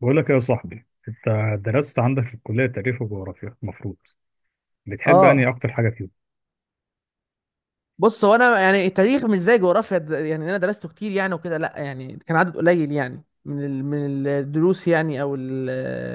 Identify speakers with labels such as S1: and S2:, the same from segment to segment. S1: بقول لك يا صاحبي، انت درست عندك في الكليه تاريخ وجغرافيا، المفروض بتحب انهي
S2: اه،
S1: اكتر حاجه فيهم؟
S2: بص هو انا يعني التاريخ مش زي جغرافيا يعني انا درسته كتير يعني وكده، لا يعني كان عدد قليل يعني من الدروس يعني،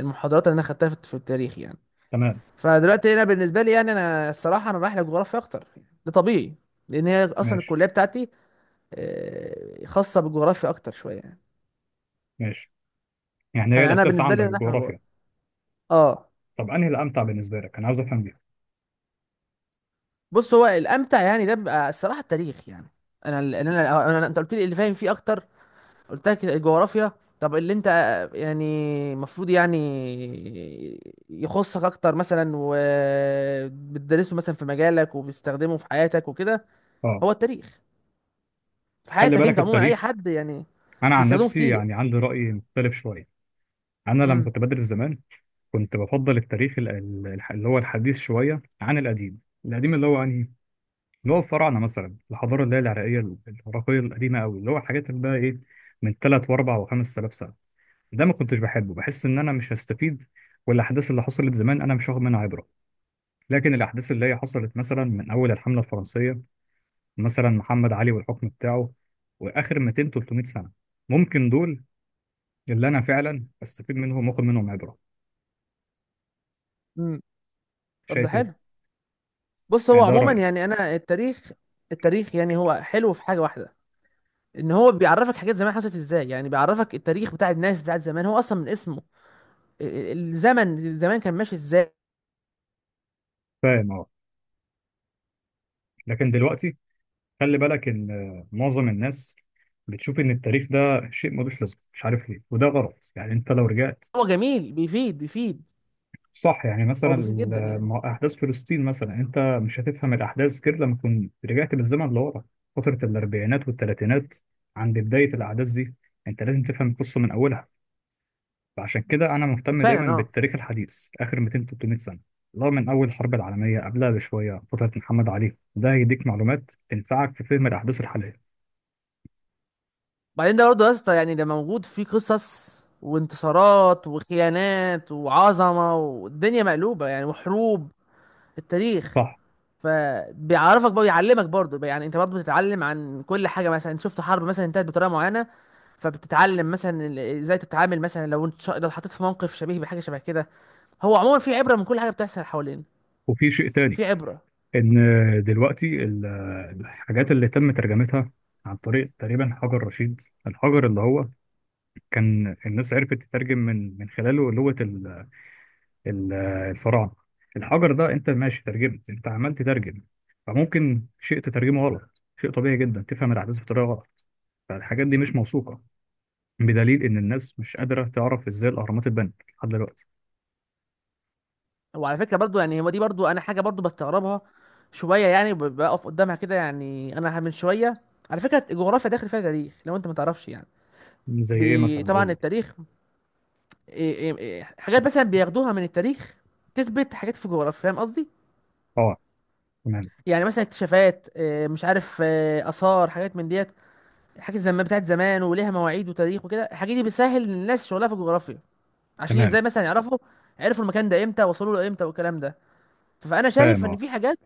S2: المحاضرات اللي انا خدتها في التاريخ يعني.
S1: تمام.
S2: فدلوقتي انا بالنسبه لي يعني، انا الصراحه انا رايح للجغرافيا اكتر يعني، ده طبيعي لان هي اصلا
S1: ماشي.
S2: الكليه بتاعتي. آه، خاصه بالجغرافيا اكتر شويه يعني.
S1: ماشي، يعني هي
S2: فانا
S1: الاساس
S2: بالنسبه لي
S1: عندك
S2: انا رايح
S1: الجغرافيا.
S2: للجغرافيا. اه.
S1: طب انهي الامتع بالنسبه لك؟ انا عايز افهم دي.
S2: بص هو الامتع يعني ده بيبقى الصراحه التاريخ يعني. انا ال- انا أنا- أنا- انت قلت لي اللي فاهم فيه اكتر، قلت لك الجغرافيا. طب اللي انت يعني المفروض يعني يخصك اكتر مثلا وبتدرسه مثلا في مجالك وبتستخدمه في حياتك وكده،
S1: اه،
S2: هو التاريخ. في
S1: خلي
S2: حياتك
S1: بالك
S2: انت عموما اي
S1: التاريخ،
S2: حد يعني
S1: انا عن
S2: بيستخدمه
S1: نفسي
S2: كتير.
S1: يعني عندي راي مختلف شويه. انا لما
S2: امم
S1: كنت بدرس زمان كنت بفضل التاريخ اللي هو الحديث شويه عن القديم. القديم اللي هو انهي، اللي هو الفراعنه مثلا، الحضاره اللي هي العراقيه القديمه قوي، اللي هو الحاجات اللي بقى ايه، من 3 و4 و5000 سنه، ده ما كنتش بحبه، بحس ان انا مش هستفيد، والاحداث اللي حصلت زمان انا مش واخد منها عبره. لكن الاحداث اللي هي حصلت مثلا من اول الحمله الفرنسيه، مثلا محمد علي والحكم بتاعه، واخر 200 300 سنه، ممكن دول اللي انا فعلا استفيد منهم واخد منهم عبره.
S2: امم طب ده
S1: شايف ايه؟
S2: حلو. بص هو
S1: يعني ده
S2: عموما
S1: رايي.
S2: يعني انا التاريخ، التاريخ يعني هو حلو في حاجه واحده، ان هو بيعرفك حاجات زمان حصلت ازاي، يعني بيعرفك التاريخ بتاع الناس بتاع زمان، هو اصلا من اسمه ال- الزمن، الزمان كان ماشي ازاي.
S1: فاهم اه. لكن دلوقتي خلي بالك ان معظم الناس بتشوف ان التاريخ ده شيء ملوش لازمه، مش عارف ليه، وده غلط. يعني انت لو رجعت،
S2: هو جميل، بيفيد بيفيد،
S1: صح، يعني مثلا
S2: هو بيفيد جدا يعني.
S1: ما هو احداث فلسطين مثلا، انت مش هتفهم الاحداث غير لما تكون رجعت بالزمن لورا، فتره الاربعينات والثلاثينات، عند بدايه الاحداث دي انت لازم تفهم القصه من اولها. فعشان كده انا مهتم دايما
S2: فعلا، اه.
S1: بالتاريخ الحديث، اخر 200 300 سنه، اللي هو من اول الحرب العالميه، قبلها بشويه فتره محمد علي، ده هيديك معلومات تنفعك في فهم الاحداث الحاليه.
S2: بعدين ده برضه يا اسطى، يعني ده موجود فيه قصص وانتصارات وخيانات وعظمه والدنيا مقلوبه يعني، وحروب، التاريخ.
S1: صح.
S2: فبيعرفك بقى، بيعلمك برضه يعني، انت برضه بتتعلم عن كل حاجه، مثلا انت شفت حرب مثلا انتهت بطريقه معينه، فبتتعلم مثلا ازاي تتعامل مثلا لو انت لو اتحطيت في موقف شبيه بحاجه شبه كده. هو عموما في عبره من كل حاجه بتحصل حوالينا.
S1: وفي شيء تاني،
S2: في عبره.
S1: ان دلوقتي الحاجات اللي تم ترجمتها عن طريق تقريبا حجر رشيد، الحجر اللي هو كان الناس عرفت تترجم من خلاله لغة ال- الفراعنة الحجر ده انت ماشي ترجمت، انت عمال تترجم، فممكن شيء تترجمه غلط، شيء طبيعي جدا تفهم الأحداث بطريقة غلط. فالحاجات دي مش موثوقة بدليل إن الناس مش قادرة تعرف إزاي الأهرامات اتبنت لحد دلوقتي.
S2: وعلى فكره برضو يعني، هو دي برضو انا حاجه برضو بستغربها شويه يعني، بقف قدامها كده يعني، انا من شويه. على فكره الجغرافيا داخل فيها تاريخ لو انت ما تعرفش يعني.
S1: زي إيه مثلا؟ قول
S2: طبعا
S1: لي.
S2: التاريخ. إيه- إيه- إيه، حاجات مثلا بياخدوها من التاريخ تثبت حاجات في الجغرافيا، فاهم قصدي؟
S1: أه تمام.
S2: يعني مثلا اكتشافات إيه، مش عارف إيه، اثار، حاجات من ديت، حاجات زمان بتاعت زمان وليها مواعيد وتاريخ وكده، الحاجات دي بتسهل للناس شغلها في الجغرافيا، عشان
S1: تمام.
S2: ازاي مثلا يعرفوا، عرفوا المكان ده امتى، وصلوا له امتى، والكلام ده. فانا
S1: فاهم
S2: شايف ان
S1: أه.
S2: في حاجات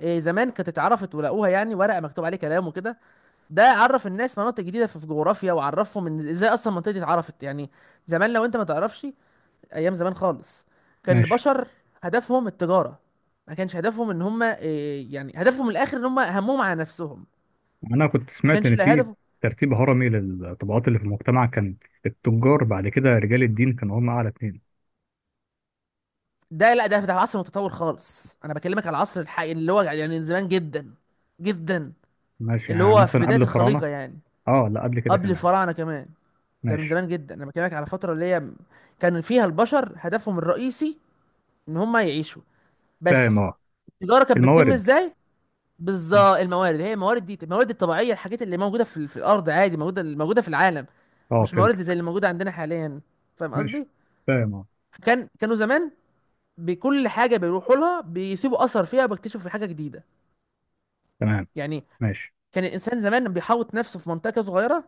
S2: إيه، زمان كانت اتعرفت ولقوها يعني ورقه مكتوب عليه كلام وكده، ده عرف الناس مناطق جديده في في جغرافيا، وعرفهم ان ازاي اصلا المنطقه دي اتعرفت يعني. زمان لو انت ما تعرفش، ايام زمان خالص، كان
S1: ماشي.
S2: البشر هدفهم التجاره، ما كانش هدفهم ان هم إيه يعني، هدفهم الاخر ان هم همهم على نفسهم،
S1: أنا كنت
S2: ما
S1: سمعت
S2: كانش
S1: إن
S2: لا
S1: في
S2: هدف.
S1: ترتيب هرمي للطبقات اللي في المجتمع، كان التجار بعد كده رجال الدين كانوا هم أعلى اتنين.
S2: ده لا، ده ده عصر متطور خالص، انا بكلمك على العصر الحقيقي اللي هو يعني من زمان جدا جدا،
S1: ماشي،
S2: اللي
S1: يعني
S2: هو في
S1: مثلا
S2: بدايه
S1: قبل الفراعنة.
S2: الخليقه يعني،
S1: اه لا، قبل كده
S2: قبل
S1: كمان.
S2: الفراعنه كمان. ده من
S1: ماشي.
S2: زمان جدا، انا بكلمك على فتره اللي هي كان فيها البشر هدفهم الرئيسي ان هم يعيشوا
S1: فاهم
S2: بس.
S1: اه.
S2: التجاره كانت بتتم
S1: الموارد.
S2: ازاي؟ بالظبط الموارد، هي الموارد دي الموارد الطبيعيه، الحاجات اللي موجوده في الارض عادي، موجوده في العالم،
S1: اه
S2: مش موارد زي
S1: فهمتك.
S2: اللي موجوده عندنا حاليا، فاهم
S1: ماشي.
S2: قصدي.
S1: فاهم اه.
S2: فكان كانوا زمان بكل حاجه بيروحوا لها بيسيبوا اثر فيها، بيكتشفوا في حاجه جديده
S1: تمام.
S2: يعني.
S1: ماشي.
S2: كان الانسان زمان بيحوط نفسه في منطقه صغيره،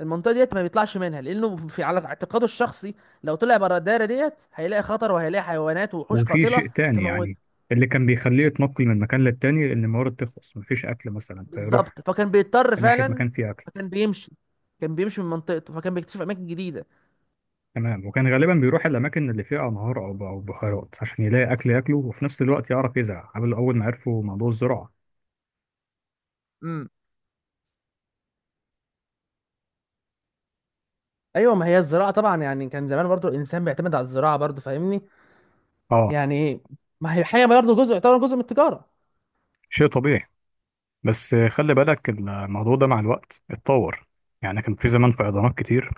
S2: المنطقه ديت ما بيطلعش منها لانه في على اعتقاده الشخصي لو طلع بره الدايره ديت هيلاقي خطر وهيلاقي حيوانات ووحوش
S1: وفي
S2: قاتله
S1: شيء تاني
S2: تموت.
S1: يعني، اللي كان بيخليه يتنقل من مكان للتاني ان الموارد تخلص، مفيش اكل مثلا فيروح
S2: بالظبط، فكان بيضطر
S1: ناحية
S2: فعلا،
S1: مكان فيه اكل.
S2: فكان بيمشي، كان بيمشي من منطقته، فكان بيكتشف اماكن جديده.
S1: تمام، وكان غالبا بيروح الاماكن اللي فيها انهار او بحيرات عشان يلاقي اكل ياكله وفي نفس الوقت يعرف يزرع قبل اول ما عرفوا موضوع الزراعة.
S2: امم. ايوه ما هي الزراعه طبعا يعني، كان زمان برضو الانسان بيعتمد على الزراعه برضو، فاهمني
S1: اه.
S2: يعني. ما هي حاجه برضو جزء، يعتبر جزء من التجاره.
S1: شيء طبيعي. بس خلي بالك الموضوع ده مع الوقت اتطور. يعني كان في زمان فيضانات كتير،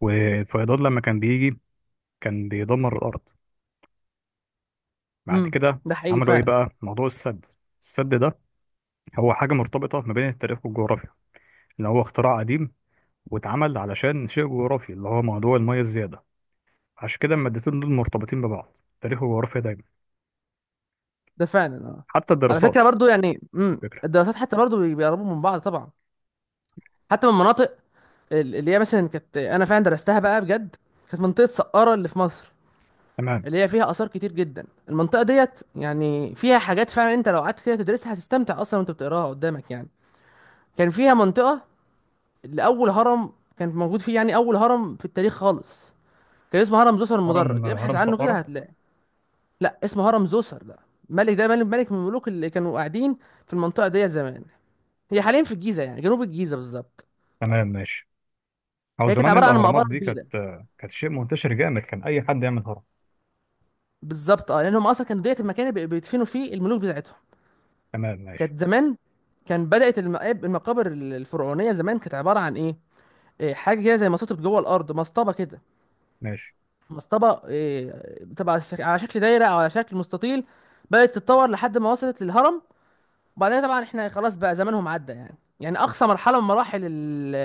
S1: والفيضان لما كان بيجي كان بيدمر الأرض. بعد
S2: امم.
S1: كده
S2: ده حقيقي
S1: عملوا إيه
S2: فعلا.
S1: بقى؟ موضوع السد. السد ده هو حاجة مرتبطة ما بين التاريخ والجغرافيا، اللي هو اختراع قديم واتعمل علشان شيء جغرافي، اللي هو موضوع المية الزيادة. عشان كده المادتين دول مرتبطين ببعض، تاريخ وجغرافيا دايما.
S2: ده فعلا، اه.
S1: حتى
S2: على فكره
S1: الدراسات.
S2: برضو يعني، امم،
S1: الفكرة.
S2: الدراسات حتى برضو بيقربوا من بعض طبعا، حتى من مناطق اللي هي مثلا كانت انا فعلا درستها بقى بجد، كانت منطقه سقاره اللي في مصر،
S1: تمام.
S2: اللي هي فيها اثار كتير جدا المنطقه ديت، يعني فيها حاجات فعلا انت لو قعدت كده تدرسها هتستمتع اصلا وانت بتقراها قدامك يعني. كان فيها منطقه اللي اول هرم كان موجود فيه، يعني اول هرم في التاريخ خالص، كان اسمه هرم زوسر
S1: هرم
S2: المدرج، ابحث
S1: هرم
S2: عنه كده
S1: سقارة.
S2: هتلاقي. لا اسمه هرم زوسر، ده ملك، ده ملك من الملوك اللي كانوا قاعدين في المنطقه ديت زمان. هي حاليا في الجيزه، يعني جنوب الجيزه بالظبط.
S1: تمام ماشي. أو
S2: هي كانت
S1: زمان
S2: عباره عن مقبره
S1: الأهرامات دي كانت
S2: كبيره.
S1: كانت شيء منتشر جامد، كان أي حد يعمل هرم.
S2: بالظبط، اه، لانهم اصلا كانوا ديت المكان اللي بيدفنوا فيه الملوك بتاعتهم.
S1: تمام ماشي.
S2: كانت زمان، كان بدات المقابر الفرعونيه زمان كانت عباره عن ايه، إيه، حاجه كده زي مصاطب جوه الارض، مسطبه كده،
S1: ماشي.
S2: مسطبه إيه، بتبقى على على شكل دايره او على شكل مستطيل، بدات تتطور لحد ما وصلت للهرم. وبعدين طبعا احنا خلاص بقى زمانهم عدى يعني، يعني اقصى مرحله من مراحل ال-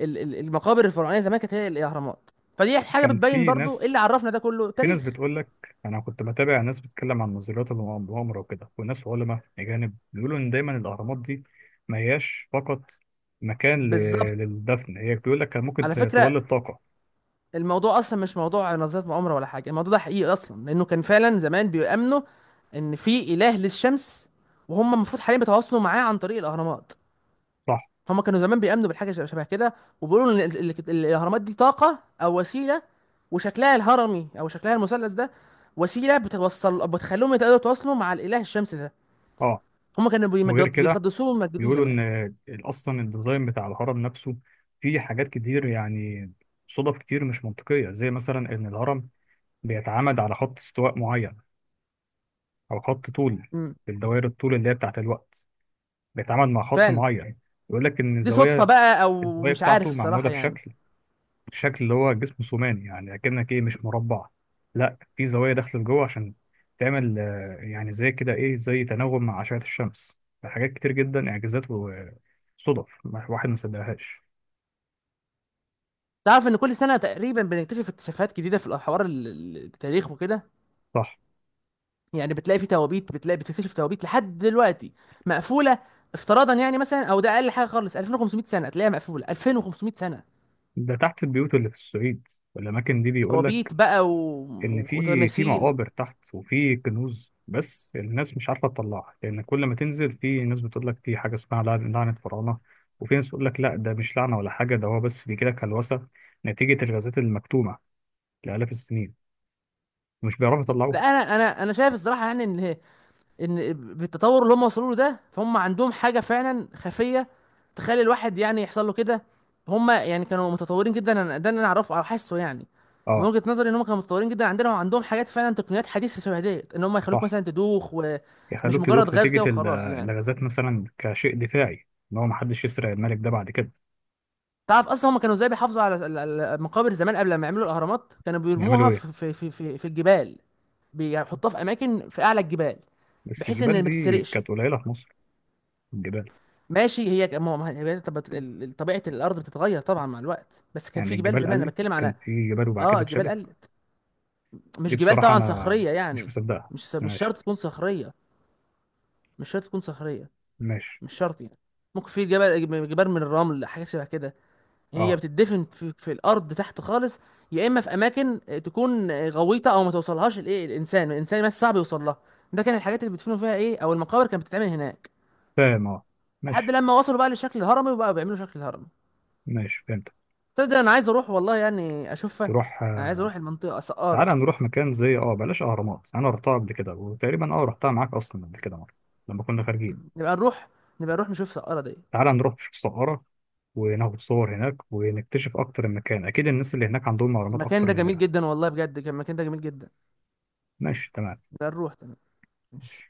S2: ال- ال- المقابر الفرعونيه زمان كانت هي الاهرامات. فدي حاجه
S1: كان
S2: بتبين
S1: في
S2: برضو إيه
S1: ناس،
S2: اللي عرفنا ده كله،
S1: في ناس
S2: تاريخ.
S1: بتقول لك، انا كنت بتابع ناس بتتكلم عن نظريات المؤامره وكده، وناس علماء اجانب بيقولوا ان دايما الاهرامات دي ما هياش فقط مكان
S2: بالظبط.
S1: للدفن هي بيقول لك كان ممكن
S2: على فكره،
S1: تولد طاقه.
S2: الموضوع اصلا مش موضوع نظريات مؤامره ولا حاجه، الموضوع ده حقيقي اصلا، لانه كان فعلا زمان بيؤمنوا ان في اله للشمس، وهم المفروض حاليا بيتواصلوا معاه عن طريق الاهرامات.
S1: صح.
S2: هم كانوا زمان بيؤمنوا بالحاجه شبه كده، وبيقولوا ان الاهرامات دي طاقه او وسيله، وشكلها الهرمي او شكلها المثلث ده وسيله بتوصل، بتخليهم يقدروا يتواصلوا مع الاله الشمس ده.
S1: اه.
S2: هم كانوا
S1: وغير كده
S2: بيقدسوه ويمجدوه
S1: بيقولوا
S2: زمان.
S1: ان اصلا الديزاين بتاع الهرم نفسه فيه حاجات كتير يعني، صدف كتير مش منطقيه زي مثلا ان الهرم بيتعامد على خط استواء معين او خط طول،
S2: امم.
S1: الدوائر الطول اللي هي بتاعت الوقت، بيتعامد مع خط
S2: فعلا.
S1: معين. يقول لك ان
S2: دي صدفه
S1: الزوايا،
S2: بقى او
S1: الزوايا
S2: مش عارف
S1: بتاعته معمولة
S2: الصراحه يعني.
S1: بشكل، شكل اللي هو جسم ثماني، يعني أكنك إيه، مش مربع، لا في زوايا داخلة لجوه عشان تعمل يعني زي كده إيه، زي تناغم مع أشعة الشمس. حاجات كتير جدا إعجازات وصدف، واحد ما صدقهاش.
S2: تعرف ان كل سنه تقريبا بنكتشف اكتشافات جديده في الحوار التاريخ وكده،
S1: صح.
S2: يعني بتلاقي في توابيت، بتلاقي بتكتشف توابيت لحد دلوقتي مقفوله، افتراضا يعني مثلا، او ده اقل حاجه خالص 2500 سنه تلاقيها مقفوله 2500 سنه،
S1: ده تحت البيوت اللي في الصعيد والأماكن دي بيقول
S2: توابيت
S1: لك
S2: بقى
S1: ان في
S2: وتماثيل.
S1: مقابر تحت وفي كنوز، بس الناس مش عارفه تطلعها، لان كل ما تنزل في ناس بتقول لك في حاجه اسمها لعنه فراعنه، وفي ناس بتقول لك لا ده مش لعنه ولا حاجه، ده هو بس بيجي لك هلوسه نتيجه الغازات المكتومه لالاف السنين، مش بيعرفوا
S2: لا
S1: يطلعوها.
S2: انا شايف الصراحه يعني ان، ان بالتطور اللي هم وصلوا له ده فهم عندهم حاجه فعلا خفيه تخلي الواحد يعني يحصل له كده، هم يعني كانوا متطورين جدا، ده اللي انا اعرفه او حاسه يعني. من
S1: اه.
S2: وجهه نظري ان هم كانوا متطورين جدا، عندنا وعندهم حاجات فعلا تقنيات حديثه شبه ديت، ان هم يخلوك
S1: صح،
S2: مثلا تدوخ، ومش
S1: يخلوك
S2: مجرد
S1: تدوخ
S2: غاز كده
S1: نتيجه
S2: وخلاص يعني.
S1: الغازات مثلا كشيء دفاعي ان هو محدش يسرق الملك ده بعد كده.
S2: تعرف اصلا هم كانوا ازاي بيحافظوا على المقابر زمان، قبل ما يعملوا الاهرامات كانوا بيرموها
S1: يعملوا ايه؟
S2: في الجبال، بيحطوها في اماكن في اعلى الجبال
S1: بس
S2: بحيث
S1: الجبال
S2: ان ما
S1: دي
S2: تتسرقش.
S1: كانت قليله في مصر، الجبال.
S2: ماشي، هي طب طبيعه الارض بتتغير طبعا مع الوقت، بس كان
S1: يعني
S2: في جبال
S1: الجبال
S2: زمان، انا
S1: قلت
S2: بتكلم
S1: كان
S2: على،
S1: في جبال وبعد
S2: اه
S1: كده
S2: الجبال
S1: اتشالت.
S2: قلت،
S1: دي
S2: مش جبال
S1: بصراحة
S2: طبعا
S1: أنا
S2: صخريه
S1: مش
S2: يعني.
S1: مصدقها بس
S2: مش
S1: ماشي.
S2: شرط تكون صخريه، مش شرط تكون صخريه،
S1: ماشي.
S2: مش شرط يعني. ممكن في جبال من الرمل، حاجات شبه كده. هي
S1: أه.
S2: بتدفن في الارض تحت خالص، يا اما في اماكن آه، تكون غويطه، او ما توصلهاش الايه الانسان بس صعب يوصل لها. ده كان الحاجات اللي بيدفنوا فيها ايه، او المقابر كانت بتتعمل هناك،
S1: فاهم أه.
S2: لحد
S1: ماشي.
S2: لما وصلوا بقى للشكل الهرمي وبقى بيعملوا شكل الهرم.
S1: ماشي فهمت.
S2: تصدق انا عايز اروح والله يعني اشوفها.
S1: تروح
S2: انا عايز
S1: آه.
S2: اروح المنطقه
S1: تعالى
S2: سقاره.
S1: نروح مكان زي أه بلاش أهرامات، أنا رحتها قبل كده، وتقريبا أه رحتها معاك أصلا قبل كده مرة لما كنا خارجين.
S2: نبقى نروح، نبقى نروح نشوف سقاره دي.
S1: تعالى نروح نشوف السقارة وناخد صور هناك ونكتشف أكتر المكان، أكيد الناس اللي هناك عندهم أهرامات
S2: المكان
S1: أكتر
S2: ده جميل
S1: مننا.
S2: جدا والله، بجد كان المكان ده جميل جدا.
S1: ماشي تمام.
S2: نبقى نروح. تمام، ماشي.